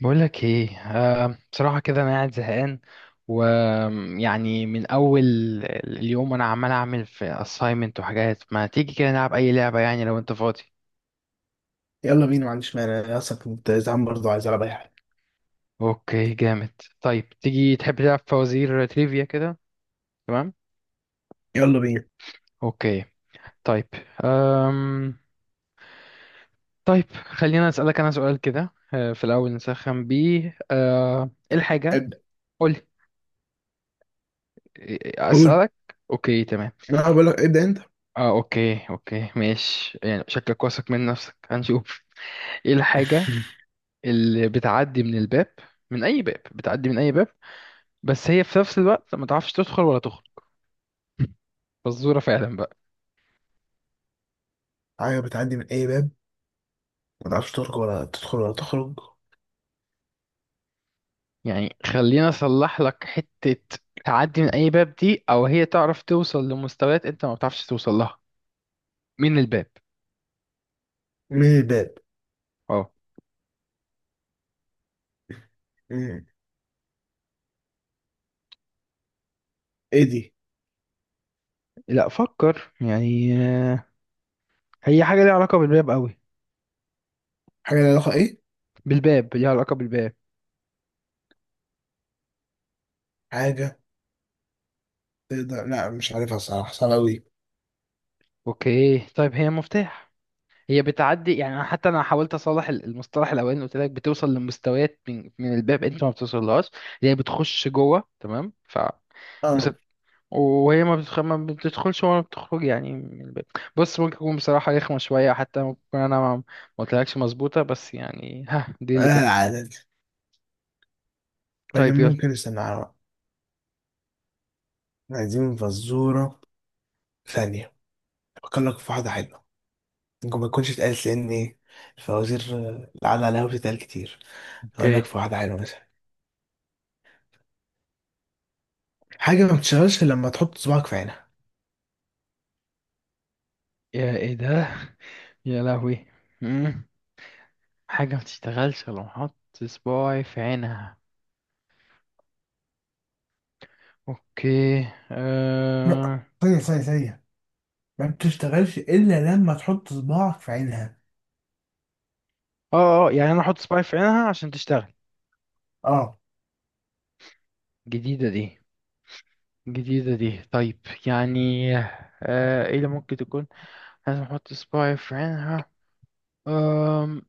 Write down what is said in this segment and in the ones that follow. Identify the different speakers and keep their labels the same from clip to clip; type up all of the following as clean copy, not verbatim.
Speaker 1: بقولك ايه، آه، بصراحة كده انا قاعد زهقان، ويعني من اول اليوم انا عمال اعمل في assignment وحاجات. ما تيجي كده نلعب اي لعبة؟ يعني لو انت فاضي.
Speaker 2: يلا بينا، ما عنديش مانع. انا اصلا كنت زعلان برضه، عايز العب اي حاجه.
Speaker 1: اوكي، جامد. طيب تيجي تحب تلعب فوازير تريفيا كده؟ تمام.
Speaker 2: يلا بينا.
Speaker 1: اوكي، طيب. أم... طيب خلينا اسألك انا سؤال كده، في الاول نسخن بيه. ايه الحاجة؟
Speaker 2: ابدا.
Speaker 1: قولي.
Speaker 2: قول.
Speaker 1: اسألك. اوكي، تمام.
Speaker 2: انا بقول لك ابدا انت.
Speaker 1: اه، اوكي اوكي، ماشي. يعني شكلك واثق من نفسك، هنشوف. ايه الحاجة اللي بتعدي من الباب؟ من اي باب بتعدي؟ من اي باب؟ بس هي في نفس الوقت ما تعرفش تدخل ولا تخرج. فزورة فعلا بقى.
Speaker 2: حاجه بتعدي من اي باب، ما تعرفش تخرج ولا تدخل ولا تخرج.
Speaker 1: يعني خلينا اصلح لك حتة. تعدي من اي باب دي، او هي تعرف توصل لمستويات انت ما بتعرفش توصل لها من الباب.
Speaker 2: من الباب.
Speaker 1: اه.
Speaker 2: مم. ايه دي؟
Speaker 1: لا، فكر يعني. آه، هي حاجة ليها علاقة بالباب قوي.
Speaker 2: حاجه لها علاقه ايه؟
Speaker 1: بالباب، ليها علاقة بالباب.
Speaker 2: حاجه تقدر، لا مش عارفها الصراحه، صعبه قوي.
Speaker 1: اوكي. طيب هي مفتاح. هي بتعدي يعني، أنا حتى انا حاولت اصلح المصطلح الاولاني اللي قلت لك، بتوصل لمستويات من الباب انت ما بتوصلهاش، اللي هي بتخش جوه. تمام، ف بس.
Speaker 2: اه.
Speaker 1: وهي ما بتدخلش ولا بتخرج يعني من الباب. بص، ممكن يكون بصراحة رخمة شوية، حتى ممكن يكون انا ما قلتلكش مظبوطة، بس يعني ها، دي
Speaker 2: لا
Speaker 1: اللي كنت.
Speaker 2: العاده دي اللي
Speaker 1: طيب، يلا.
Speaker 2: ممكن نستنى على-. عايزين فزوره. ثانيه افكر لك في واحده حلوه. ممكن ما تكونش اتقالت لان ايه، الفوازير القعده عليها بتتقال كتير. اقول لك
Speaker 1: اوكي.
Speaker 2: في واحده حلوه مثلا. حاجة ما بتشتغلش إلا لما تحط صباعك في عينها.
Speaker 1: يا ايه ده؟ يا لهوي. مم. حاجة ما تشتغلش لو حط صباعي في عينها. اوكي.
Speaker 2: لا،
Speaker 1: أه...
Speaker 2: ثانية. ما بتشتغلش إلا لما تحط صباعك في عينها.
Speaker 1: اه اه اه، يعني انا احط سباي في عينها عشان تشتغل؟
Speaker 2: اه.
Speaker 1: جديدة دي. جديدة دي، طيب. يعني، آه، ايه اللي ممكن تكون، لازم احط سباي في عينها. أم...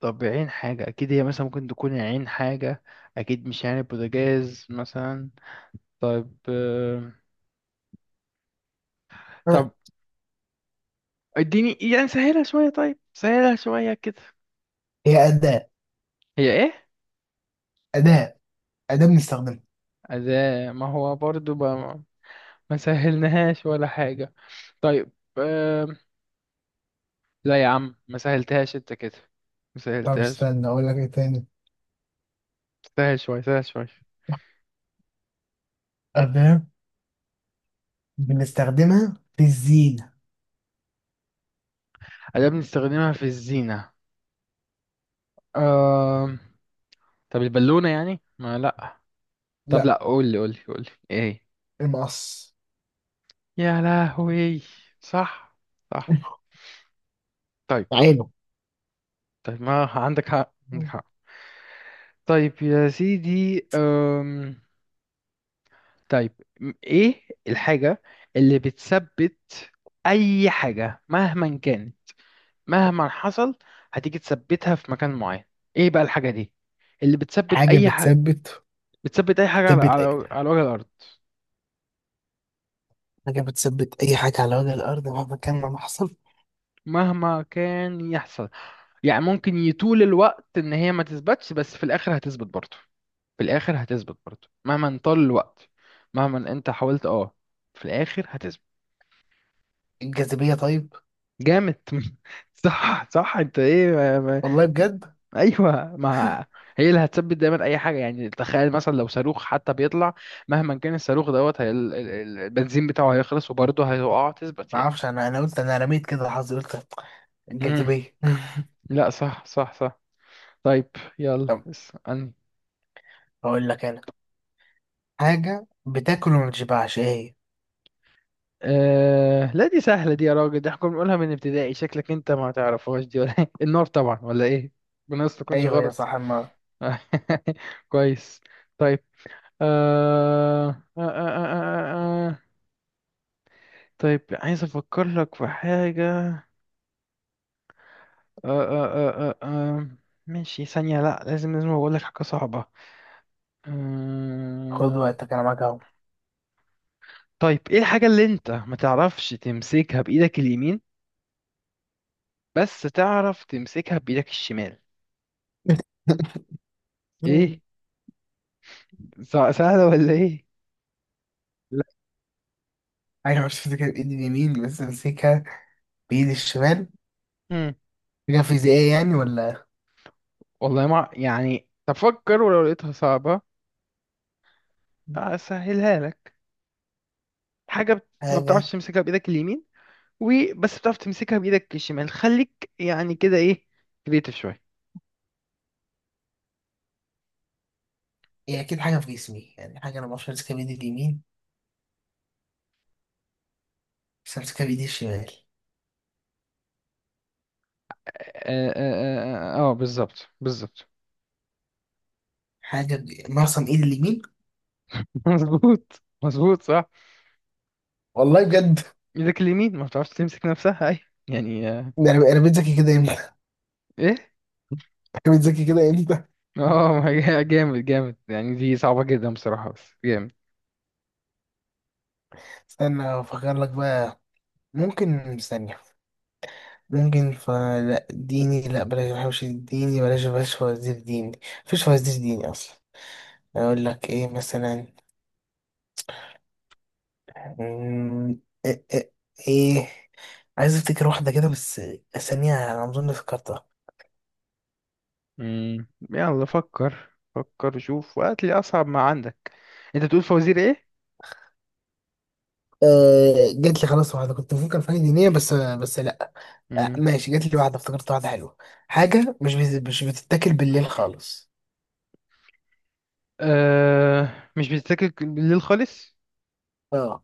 Speaker 1: طب عين حاجة، اكيد هي مثلا ممكن تكون عين حاجة. اكيد مش يعني بوتاجاز مثلا. طيب،
Speaker 2: آه.
Speaker 1: طب اديني يعني سهلها شوية، طيب سهلها شوية كده.
Speaker 2: هي أداة.
Speaker 1: هي ايه؟
Speaker 2: أداة. أداة بنستخدمها.
Speaker 1: أداة. ما هو برضو ما سهلناهاش ولا حاجة. طيب، لا يا عم ما سهلتهاش انت كده، ما
Speaker 2: طب
Speaker 1: سهلتهاش.
Speaker 2: استنى أقول لك إيه تاني.
Speaker 1: سهل شوية سهل شوية.
Speaker 2: أداة بنستخدمها في الزينة.
Speaker 1: أداة بنستخدمها في الزينة. آم... طب البالونة يعني؟ ما لا. طب
Speaker 2: لا.
Speaker 1: لا، قولي قولي قولي ايه؟
Speaker 2: المقص.
Speaker 1: يا لهوي. صح. صح. طيب.
Speaker 2: عينه.
Speaker 1: طيب، ما عندك حق، عندك
Speaker 2: مم.
Speaker 1: حق. طيب يا سيدي. طيب، ايه الحاجة اللي بتثبت أي حاجة مهما كانت، مهما حصل، هتيجي تثبتها في مكان معين؟ ايه بقى الحاجة دي اللي بتثبت
Speaker 2: حاجة
Speaker 1: اي حاجة،
Speaker 2: بتثبت.
Speaker 1: بتثبت اي حاجة على
Speaker 2: بتثبت أي
Speaker 1: على وجه الارض
Speaker 2: حاجة. بتثبت أي حاجة على وجه الأرض مهما كان ما حصل.
Speaker 1: مهما كان يحصل؟ يعني ممكن يطول الوقت ان هي ما تثبتش، بس في الاخر هتثبت برضه، في الاخر هتثبت برضه مهما طال الوقت، مهما انت حاولت، اه، في الاخر هتثبت.
Speaker 2: الجاذبية طيب.
Speaker 1: جامد صح صح. انت ايه ما.
Speaker 2: والله بجد.
Speaker 1: ايوه، ما هي اللي هتثبت دايما اي حاجه. يعني تخيل مثلا لو صاروخ حتى بيطلع، مهما كان الصاروخ دوت، هي البنزين بتاعه هيخلص، وبرضه هيقع تثبت
Speaker 2: ما
Speaker 1: يعني.
Speaker 2: أعرفش، أنا قلت، أنا رميت كده حظي، قلت
Speaker 1: امم.
Speaker 2: الجاذبية.
Speaker 1: لا، صح صح صح. طيب، يلا
Speaker 2: طب
Speaker 1: اسألني.
Speaker 2: هقول لك انا، حاجة بتاكل وما بتشبعش ايه هي؟
Speaker 1: لا دي سهله دي يا راجل، دي احنا كنا بنقولها من ابتدائي، شكلك انت ما تعرفهاش دي ولا إيه؟ النار طبعا، ولا ايه؟ بنص ما تكونش
Speaker 2: ايوه يا
Speaker 1: غلط.
Speaker 2: صح ما.
Speaker 1: كويس. طيب. آه... آه... آه... آه... آه. آه، آه. طيب عايز افكر لك في حاجة. آه... آه... آه... آه... آه. ماشي، ثانية. لا لازم لازم اقول لك حاجة صعبة.
Speaker 2: خد
Speaker 1: آه...
Speaker 2: وقتك انا معاك اهو.
Speaker 1: طيب، ايه الحاجة اللي انت ما تعرفش تمسكها بايدك اليمين بس تعرف تمسكها بايدك الشمال؟ ايه، سهلة ولا ايه؟
Speaker 2: لا، حاجة مش فاكر بايدي اليمين بس امسكها بايدي الشمال.
Speaker 1: مم.
Speaker 2: حاجة فيزيائية يعني ولا
Speaker 1: والله ما، يعني تفكر ولو لقيتها صعبة اسهلها لك. حاجة ما بتعرفش
Speaker 2: حاجة؟
Speaker 1: تمسكها بايدك اليمين وبس بتعرف تمسكها بايدك الشمال. خليك يعني كده ايه، كريتيف شويه.
Speaker 2: هي اكيد حاجة في جسمي يعني، حاجة انا ما اعرفش امسكها بايدي اليمين بس امسكها بايدي الشمال.
Speaker 1: آه بالظبط بالظبط.
Speaker 2: حاجة ب... معصم ايدي اليمين.
Speaker 1: مظبوط مظبوط صح.
Speaker 2: والله بجد.
Speaker 1: ايدك اليمين ما بتعرفش تمسك نفسها. اي يعني، آه.
Speaker 2: ده انا بقيت ذكي كده امتى؟
Speaker 1: ايه؟
Speaker 2: أنا بقيت ذكي كده امتى؟
Speaker 1: اه. ما هي جامد جامد يعني، دي صعبة جدا بصراحة، بس جامد.
Speaker 2: استنى افكر لك بقى. ممكن ثانية. ممكن فلا ديني، لا بلاش، بحبش الديني، بلاش فوازير ديني. مفيش فوازير ديني اصلا. اقول لك ايه مثلا. مم، ايه, إيه, إيه. عايز افتكر واحده كده بس. ثانيه انا اظن فكرتها.
Speaker 1: مم. يلا فكر فكر، شوف وقت لي اصعب ما عندك. انت بتقول فوازير ايه؟
Speaker 2: أه جات لي خلاص واحده، كنت بفكر في حاجه دينيه بس لا. أه
Speaker 1: مم.
Speaker 2: ماشي، جات لي واحده، افتكرت واحده حلوه. حاجه مش بتتاكل بالليل خالص.
Speaker 1: آه، مش بتذاكر بالليل خالص.
Speaker 2: اه.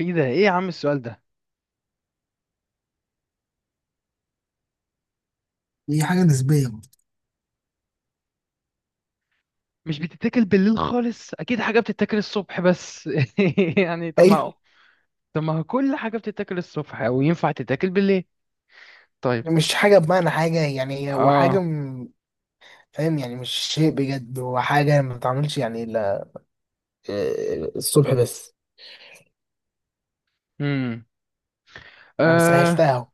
Speaker 1: ايه ده، ايه يا عم السؤال ده؟
Speaker 2: هي حاجة نسبية برضه.
Speaker 1: مش بتتاكل بالليل خالص، اكيد حاجه بتتاكل الصبح بس. يعني طب ما
Speaker 2: ايوه.
Speaker 1: هو، طب ما هو كل حاجه بتتاكل الصبح او ينفع تتاكل بالليل. طيب.
Speaker 2: مش حاجه بمعنى حاجه يعني، هو حاجه
Speaker 1: اه.
Speaker 2: فاهم يعني، مش شيء بجد، هو حاجة ما بتعملش يعني إلا الصبح بس.
Speaker 1: امم.
Speaker 2: أنا
Speaker 1: آه،
Speaker 2: سهلتها أهو.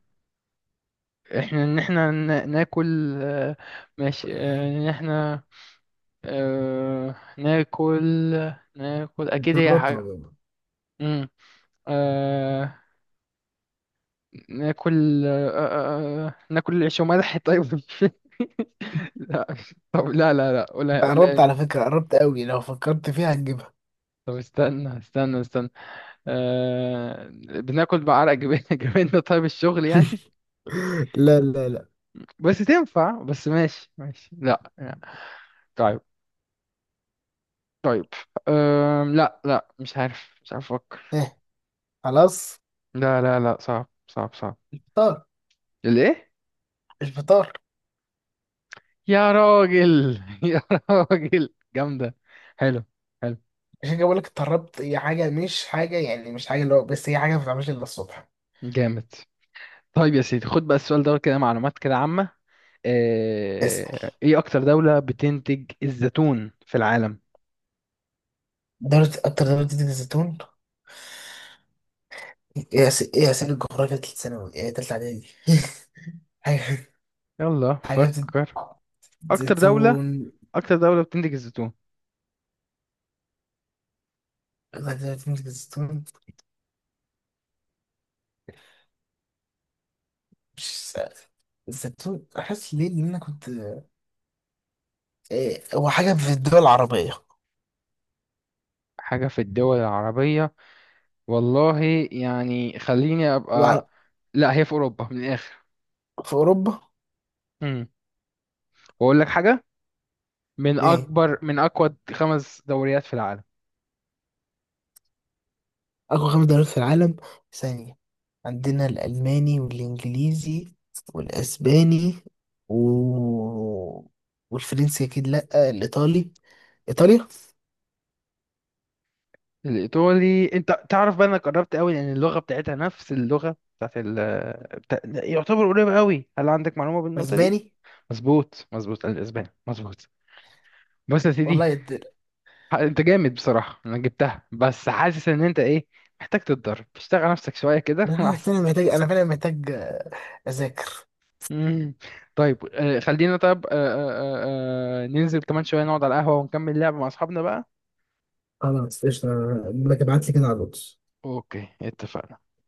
Speaker 1: احنا ان احنا ناكل. آه، ماشي. ان احنا، آه، ناكل. ناكل،
Speaker 2: انت
Speaker 1: اكيد هي
Speaker 2: قربت
Speaker 1: حاجه.
Speaker 2: والله.
Speaker 1: امم. آه، ناكل. ناكل العيش وملح طيب. لا. طب لا لا لا، قولها
Speaker 2: أنت قربت
Speaker 1: قولها.
Speaker 2: على فكرة، قربت أوي، لو فكرت فيها هتجيبها.
Speaker 1: طب استنى استنى استنى. آه، بناكل بعرق جبالنا. طيب الشغل يعني.
Speaker 2: لا لا لا.
Speaker 1: بس تنفع، بس ماشي ماشي. لا لا. طيب. طيب. أم، لا لا، مش عارف، مش عارف افكر.
Speaker 2: إيه. خلاص.
Speaker 1: لا لا لا، صعب صعب صعب.
Speaker 2: فطار.
Speaker 1: ليه؟
Speaker 2: مش فطار.
Speaker 1: يا راجل يا راجل جامدة. حلو. حلو.
Speaker 2: عشان كده بقول لك اتطربت، هي حاجة مش حاجة يعني، مش حاجة اللي هو، بس هي حاجة ما بتتعملش إلا الصبح.
Speaker 1: جامد. طيب يا سيدي، خد بقى السؤال دوت كده، معلومات كده عامة.
Speaker 2: اسأل.
Speaker 1: ايه اكتر دولة بتنتج الزيتون في العالم؟
Speaker 2: دولة، أكتر دولة بتنتج الزيتون. إيه؟ إيه، أسئلة الجغرافيا تالتة ثانوي، إيه تالتة إعدادي. حاجة.
Speaker 1: يلا
Speaker 2: حاجة
Speaker 1: فكر. اكتر دولة.
Speaker 2: زيتون.
Speaker 1: اكتر دولة بتنتج الزيتون.
Speaker 2: دولة بتنتج الزيتون. مش س- الزيتون احس ليه، لان انا كنت إيه، هو حاجه في الدول العربيه.
Speaker 1: حاجة في الدول العربية؟ والله يعني، خليني أبقى،
Speaker 2: وعلى.
Speaker 1: لا هي في أوروبا من الآخر.
Speaker 2: في اوروبا.
Speaker 1: امم. وأقول لك حاجة، من
Speaker 2: ايه
Speaker 1: أكبر، من أقوى خمس دوريات في العالم.
Speaker 2: اقوى خمس دول في العالم؟ ثانيه، عندنا الالماني والانجليزي والاسباني و... والفرنسي اكيد، لا الايطالي. ايطاليا.
Speaker 1: الإيطالي، أنت تعرف بقى، أنا قربت قوي، لأن اللغة بتاعتها نفس اللغة بتاعت ال، يعتبر قريبة قوي. هل عندك معلومة بالنقطة دي؟
Speaker 2: اسباني.
Speaker 1: مظبوط مظبوط، الأسباني، مظبوط. بس يا
Speaker 2: والله
Speaker 1: سيدي،
Speaker 2: يدل.
Speaker 1: أنت جامد بصراحة، أنا جبتها بس حاسس إن أنت إيه، محتاج تتدرب، تشتغل على نفسك شوية كده
Speaker 2: انا
Speaker 1: وبعد.
Speaker 2: حاسس إن انا محتاج، انا فعلا محتاج اذاكر.
Speaker 1: مم. طيب، خلينا طيب، ننزل كمان شوية، نقعد على القهوة ونكمل لعب مع أصحابنا بقى.
Speaker 2: خلاص قشطة. ابعت لي كده على الواتس.
Speaker 1: أوكي، اتفقنا.